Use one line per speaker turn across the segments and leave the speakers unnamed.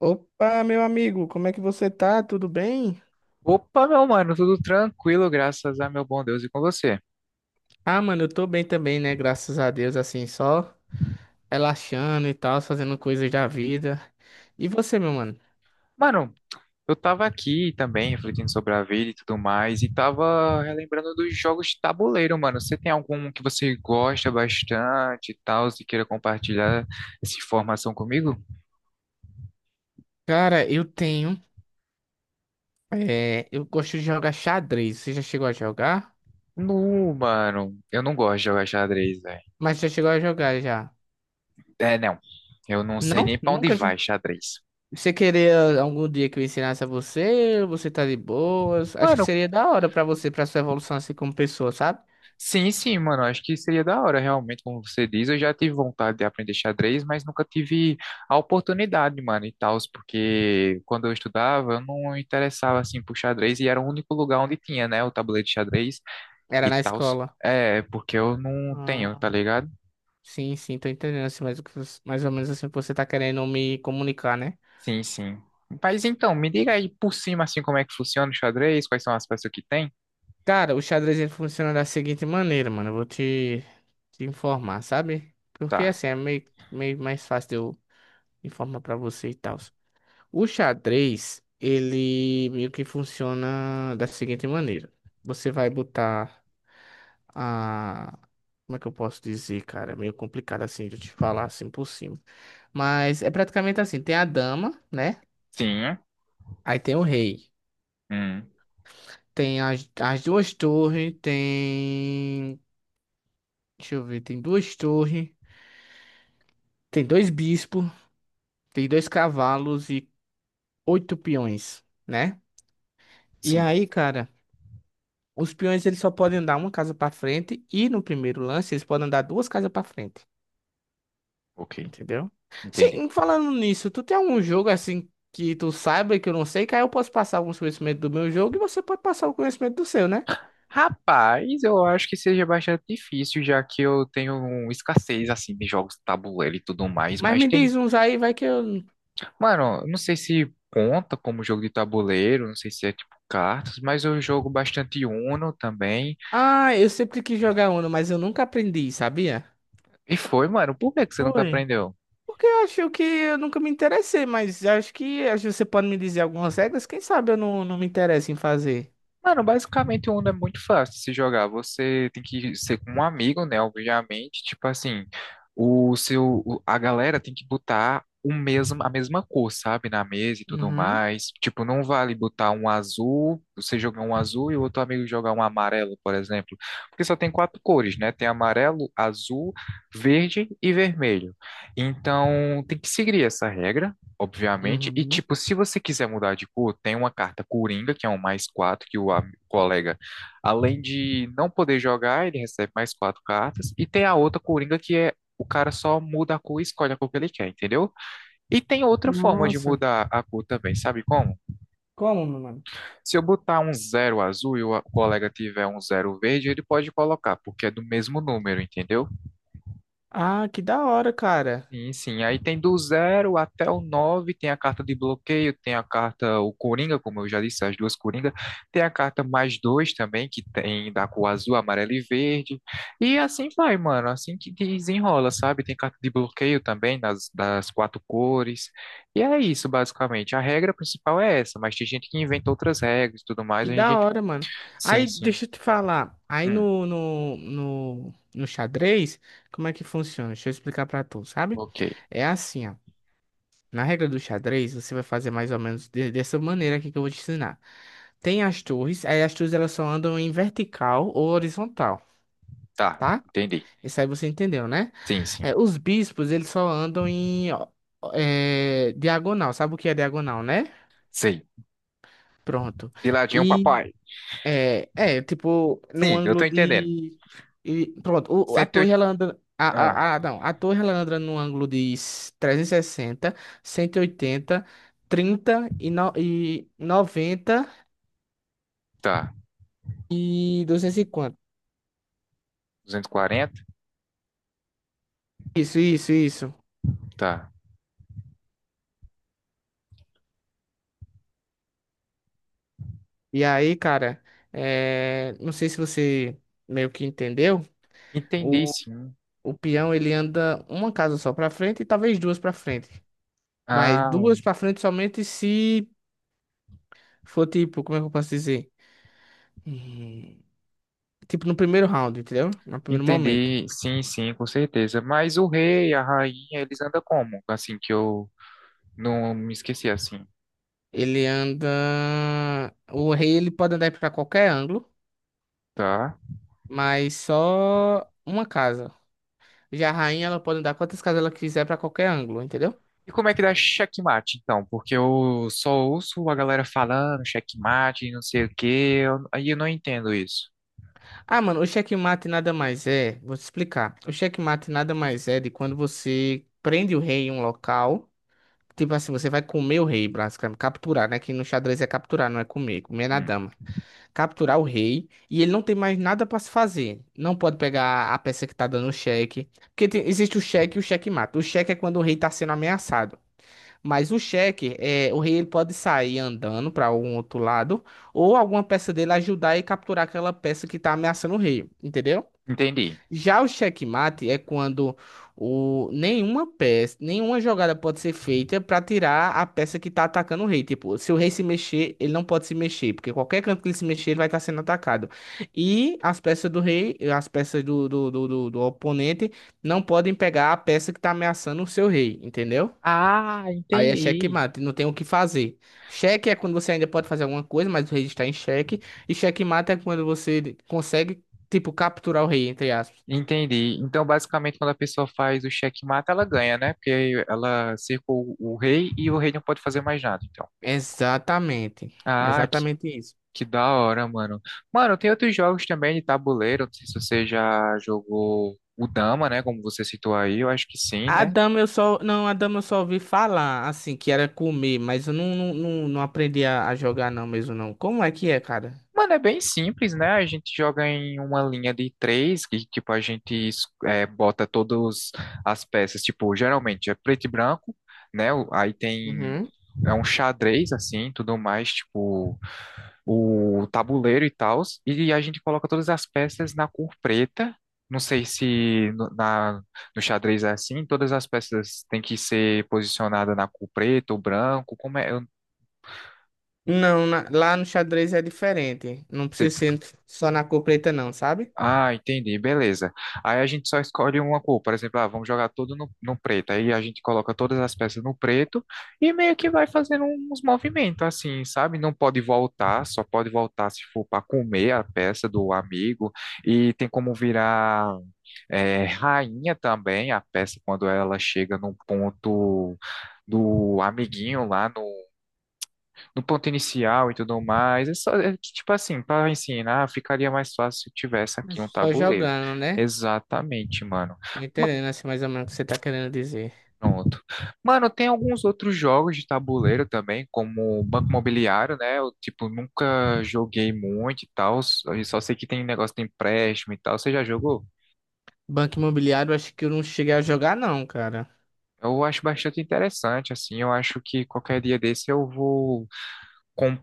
Opa, meu amigo, como é que você tá? Tudo bem?
Opa, meu mano, tudo tranquilo, graças a meu bom Deus e com você.
Ah, mano, eu tô bem também, né? Graças a Deus, assim, só relaxando e tal, fazendo coisas da vida. E você, meu mano?
Mano, eu tava aqui também refletindo sobre a vida e tudo mais, e tava relembrando dos jogos de tabuleiro, mano. Você tem algum que você gosta bastante e tal, se queira compartilhar essa informação comigo?
Cara, eu tenho. É, eu gosto de jogar xadrez. Você já chegou a jogar?
Não, mano, eu não gosto de jogar xadrez, velho.
Mas já chegou a jogar já?
É, não, eu não sei
Não?
nem pra onde
Nunca jogou.
vai xadrez.
Você queria algum dia que eu ensinasse a você? Ou você tá de boas? Acho que
Mano,
seria da hora pra você, pra sua evolução assim como pessoa, sabe?
sim, sim, mano, acho que seria da hora, realmente, como você diz. Eu já tive vontade de aprender xadrez, mas nunca tive a oportunidade, mano, e tal, porque quando eu estudava, eu não interessava, assim, por xadrez, e era o único lugar onde tinha, né, o tabuleiro de xadrez
Era
e
na
tal.
escola.
É, porque eu não tenho, tá
Ah.
ligado?
Sim, sim, tô entendendo assim, mais, mais ou menos assim que você tá querendo me comunicar, né?
Sim, sim. Mas então, me diga aí por cima, assim, como é que funciona o xadrez, quais são as peças que tem?
Cara, o xadrez ele funciona da seguinte maneira, mano. Eu vou te informar, sabe? Porque
Tá.
assim é meio mais fácil de eu informar pra você e tal. O xadrez, ele meio que funciona da seguinte maneira. Você vai botar a. Como é que eu posso dizer, cara? É meio complicado assim de eu te falar assim por cima. Mas é praticamente assim: tem a dama, né?
Sim.
Aí tem o rei.
Hum.
Tem as duas torres, tem. Deixa eu ver, tem duas torres, tem dois bispos, tem dois cavalos e oito peões, né? E
Sim.
aí, cara, os peões eles só podem andar uma casa pra frente e no primeiro lance eles podem andar duas casas pra frente,
Ok.
entendeu?
Entendi.
Sim, falando nisso, tu tem algum jogo assim que tu saiba que eu não sei, que aí eu posso passar alguns conhecimentos do meu jogo e você pode passar o conhecimento do seu, né?
Rapaz, eu acho que seja bastante difícil, já que eu tenho um escassez assim de jogos de tabuleiro e tudo mais,
Mas
mas
me
tem.
diz uns aí, vai que eu.
Mano, eu não sei se conta como jogo de tabuleiro, não sei se é tipo cartas, mas eu jogo bastante Uno também.
Ah, eu sempre quis jogar Uno, mas eu nunca aprendi, sabia?
E foi, mano, por que que você nunca
Foi.
aprendeu?
Porque eu acho que eu nunca me interessei, mas acho que você pode me dizer algumas regras, quem sabe eu não me interesso em fazer.
Mano, basicamente o Uno é muito fácil de se jogar. Você tem que ser com um amigo, né? Obviamente, tipo assim, a galera tem que botar o mesmo, a mesma cor, sabe? Na mesa e tudo
Uhum,
mais. Tipo, não vale botar um azul, você jogar um azul e o outro amigo jogar um amarelo, por exemplo. Porque só tem quatro cores, né? Tem amarelo, azul, verde e vermelho. Então, tem que seguir essa regra obviamente. E,
uhum.
tipo, se você quiser mudar de cor, tem uma carta Coringa, que é um mais quatro que o colega, além de não poder jogar, ele recebe mais quatro cartas. E tem a outra Coringa, que é o cara só muda a cor e escolhe a cor que ele quer, entendeu? E tem outra forma de
Nossa.
mudar a cor também, sabe como?
Como, meu mano?
Se eu botar um zero azul e o o colega tiver um zero verde, ele pode colocar, porque é do mesmo número, entendeu?
Ah, que da hora, cara.
Sim, sim. Aí tem do zero até o nove, tem a carta de bloqueio, tem a carta, o Coringa, como eu já disse, as duas Coringa. Tem a carta mais dois também, que tem da cor azul, amarelo e verde. E assim vai, mano, assim que desenrola, sabe? Tem carta de bloqueio também, das quatro cores. E é isso, basicamente. A regra principal é essa, mas tem gente que inventa outras regras e tudo mais.
Que
A
da
gente...
hora, mano.
Sim,
Aí,
sim.
deixa eu te falar. Aí
Hum,
no, no, no, no xadrez, como é que funciona? Deixa eu explicar pra tu, sabe?
ok.
É assim, ó. Na regra do xadrez, você vai fazer mais ou menos dessa maneira aqui que eu vou te ensinar. Tem as torres, aí as torres elas só andam em vertical ou horizontal,
Tá,
tá?
entendi.
Isso aí você entendeu, né?
Sim, sim.
É, os bispos, eles só andam em ó, é, diagonal. Sabe o que é diagonal, né?
Sei.
Pronto.
De ladinho,
E
papai.
é, é, tipo, num
Sim, eu tô
ângulo
entendendo.
de. Pronto, a torre ela anda.
Ah,
Não, a torre ela anda num ângulo de trezentos e sessenta, cento e oitenta, no, e 90 e noventa
tá.
e duzentos e cinquenta.
240.
Isso, isso, isso.
Tá.
E aí, cara, é, não sei se você meio que entendeu.
Entendi,
O,
sim.
o peão ele anda uma casa só pra frente e talvez duas pra frente. Mas
Ah,
duas pra frente somente se for tipo, como é que eu posso dizer? Hum, Tipo, no primeiro round, entendeu? No primeiro momento.
entendi. Sim, sim, com certeza. Mas o rei, a rainha, eles andam como? Assim que eu não me esqueci assim,
Ele anda. O rei ele pode andar pra qualquer ângulo,
tá?
mas só uma casa. Já a rainha ela pode andar quantas casas ela quiser pra qualquer ângulo, entendeu?
E como é que dá checkmate, então? Porque eu só ouço a galera falando checkmate, não sei o quê. Aí eu não entendo isso.
Ah, mano, o checkmate nada mais é. Vou te explicar. O checkmate nada mais é de quando você prende o rei em um local. Tipo assim, você vai comer o rei, basicamente. Capturar, né? Que no xadrez é capturar, não é comer. Comer é na
Hum,
dama. Capturar o rei e ele não tem mais nada para se fazer. Não pode pegar a peça que tá dando o cheque, porque existe o cheque e o cheque-mate. O cheque é quando o rei tá sendo ameaçado. Mas o cheque é o rei ele pode sair andando para algum outro lado ou alguma peça dele ajudar e capturar aquela peça que tá ameaçando o rei, entendeu?
entendi.
Já o checkmate é quando o, nenhuma peça, nenhuma jogada pode ser feita para tirar a peça que tá atacando o rei. Tipo, se o rei se mexer, ele não pode se mexer, porque qualquer canto que ele se mexer, ele vai estar sendo atacado. E as peças do rei, as peças do oponente, não podem pegar a peça que tá ameaçando o seu rei, entendeu?
Ah,
Aí é
entendi.
checkmate, não tem o que fazer. Cheque é quando você ainda pode fazer alguma coisa, mas o rei está em cheque. E checkmate é quando você consegue, tipo, capturar o rei, entre aspas.
Entendi. Então, basicamente, quando a pessoa faz o checkmate, ela ganha, né? Porque ela cercou o rei e o rei não pode fazer mais nada, então.
Exatamente.
Ah, que,
Exatamente isso.
que da hora, mano. Mano, tem outros jogos também de tabuleiro. Não sei se você já jogou o Dama, né? Como você citou aí, eu acho que sim,
A
né?
dama eu só. Não, a dama eu só ouvi falar, assim, que era comer, mas eu não aprendi a jogar, não, mesmo não. Como é que é, cara?
Mano, é bem simples, né? A gente joga em uma linha de três, que tipo a gente é, bota todas as peças, tipo, geralmente é preto e branco, né? O- Aí tem
Uhum.
é um xadrez assim, tudo mais, tipo o tabuleiro e tal, e a gente coloca todas as peças na cor preta. Não sei se no xadrez é assim, todas as peças têm que ser posicionadas na cor preta ou branco, como é?
Lá no xadrez é diferente. Não
Eu,
precisa ser só na cor preta, não, sabe?
Ah, entendi, beleza. Aí a gente só escolhe uma cor, por exemplo, ah, vamos jogar tudo no preto. Aí a gente coloca todas as peças no preto e meio que vai fazendo uns movimentos assim, sabe? Não pode voltar, só pode voltar se for para comer a peça do amigo. E tem como virar é, rainha também a peça quando ela chega no ponto do amiguinho lá no ponto inicial e tudo mais. É só, é que, tipo assim, para ensinar, ficaria mais fácil se tivesse aqui um
Só
tabuleiro.
jogando, né?
Exatamente, mano.
Tô
Ma-
entendendo, assim, mais ou menos o que você tá querendo dizer.
Pronto. Mano, tem alguns outros jogos de tabuleiro também, como Banco Imobiliário, né? Eu, tipo, nunca joguei muito e tal. Eu só sei que tem negócio de empréstimo e tal. Você já jogou?
Banco Imobiliário, acho que eu não cheguei a jogar, não, cara.
Eu acho bastante interessante, assim. Eu acho que qualquer dia desse eu vou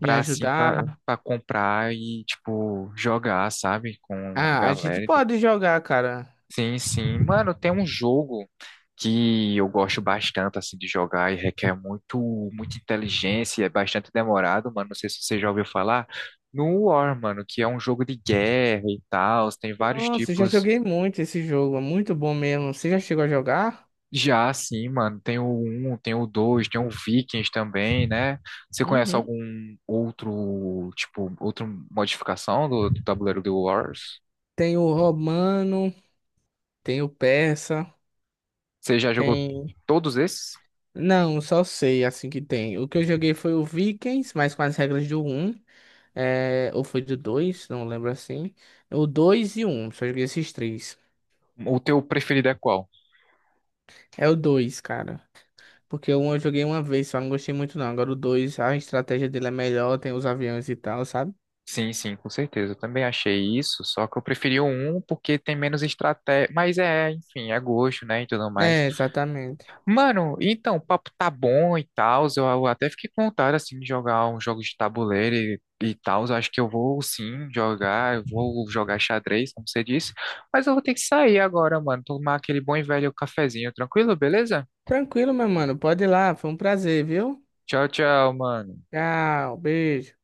Me
assim, pra,
ajudar.
pra comprar e, tipo, jogar, sabe? Com a
Ah, a gente
galera.
pode jogar, cara.
Sim, sim. Mano, tem um jogo que eu gosto bastante assim de jogar e requer muito muita inteligência, e é bastante demorado, mano. Não sei se você já ouviu falar. No War, mano, que é um jogo de guerra e tal, tem vários
Nossa, eu já
tipos.
joguei muito esse jogo, é muito bom mesmo. Você já chegou a jogar?
Já assim, mano, tem o um, tem o dois, tem o Vikings também, né? Você conhece
Uhum.
algum outro, tipo, outra modificação do tabuleiro do Wars?
Tem o romano, tem o persa,
Você já jogou
tem.
todos esses?
Não, só sei assim que tem. O que eu joguei foi o Vikings, mas com as regras do um, é... Ou foi do 2, não lembro assim. O 2 e o 1, só joguei esses três.
O teu preferido é qual?
É o dois, cara. Porque o um eu joguei uma vez, só não gostei muito não. Agora o 2, a estratégia dele é melhor, tem os aviões e tal, sabe?
Sim, sim, com certeza. Eu também achei isso, só que eu preferi o um porque tem menos estratégia. Mas é, enfim, é gosto, né? E tudo mais.
É, exatamente.
Mano, então, o papo tá bom e tal. Eu até fiquei com vontade, assim, de jogar uns jogos de tabuleiro e tal. Eu acho que eu vou sim jogar, eu vou jogar xadrez, como você disse. Mas eu vou ter que sair agora, mano. Tomar aquele bom e velho cafezinho, tranquilo? Beleza?
Tranquilo, meu mano. Pode ir lá, foi um prazer, viu?
Tchau, tchau, mano.
Tchau, beijo.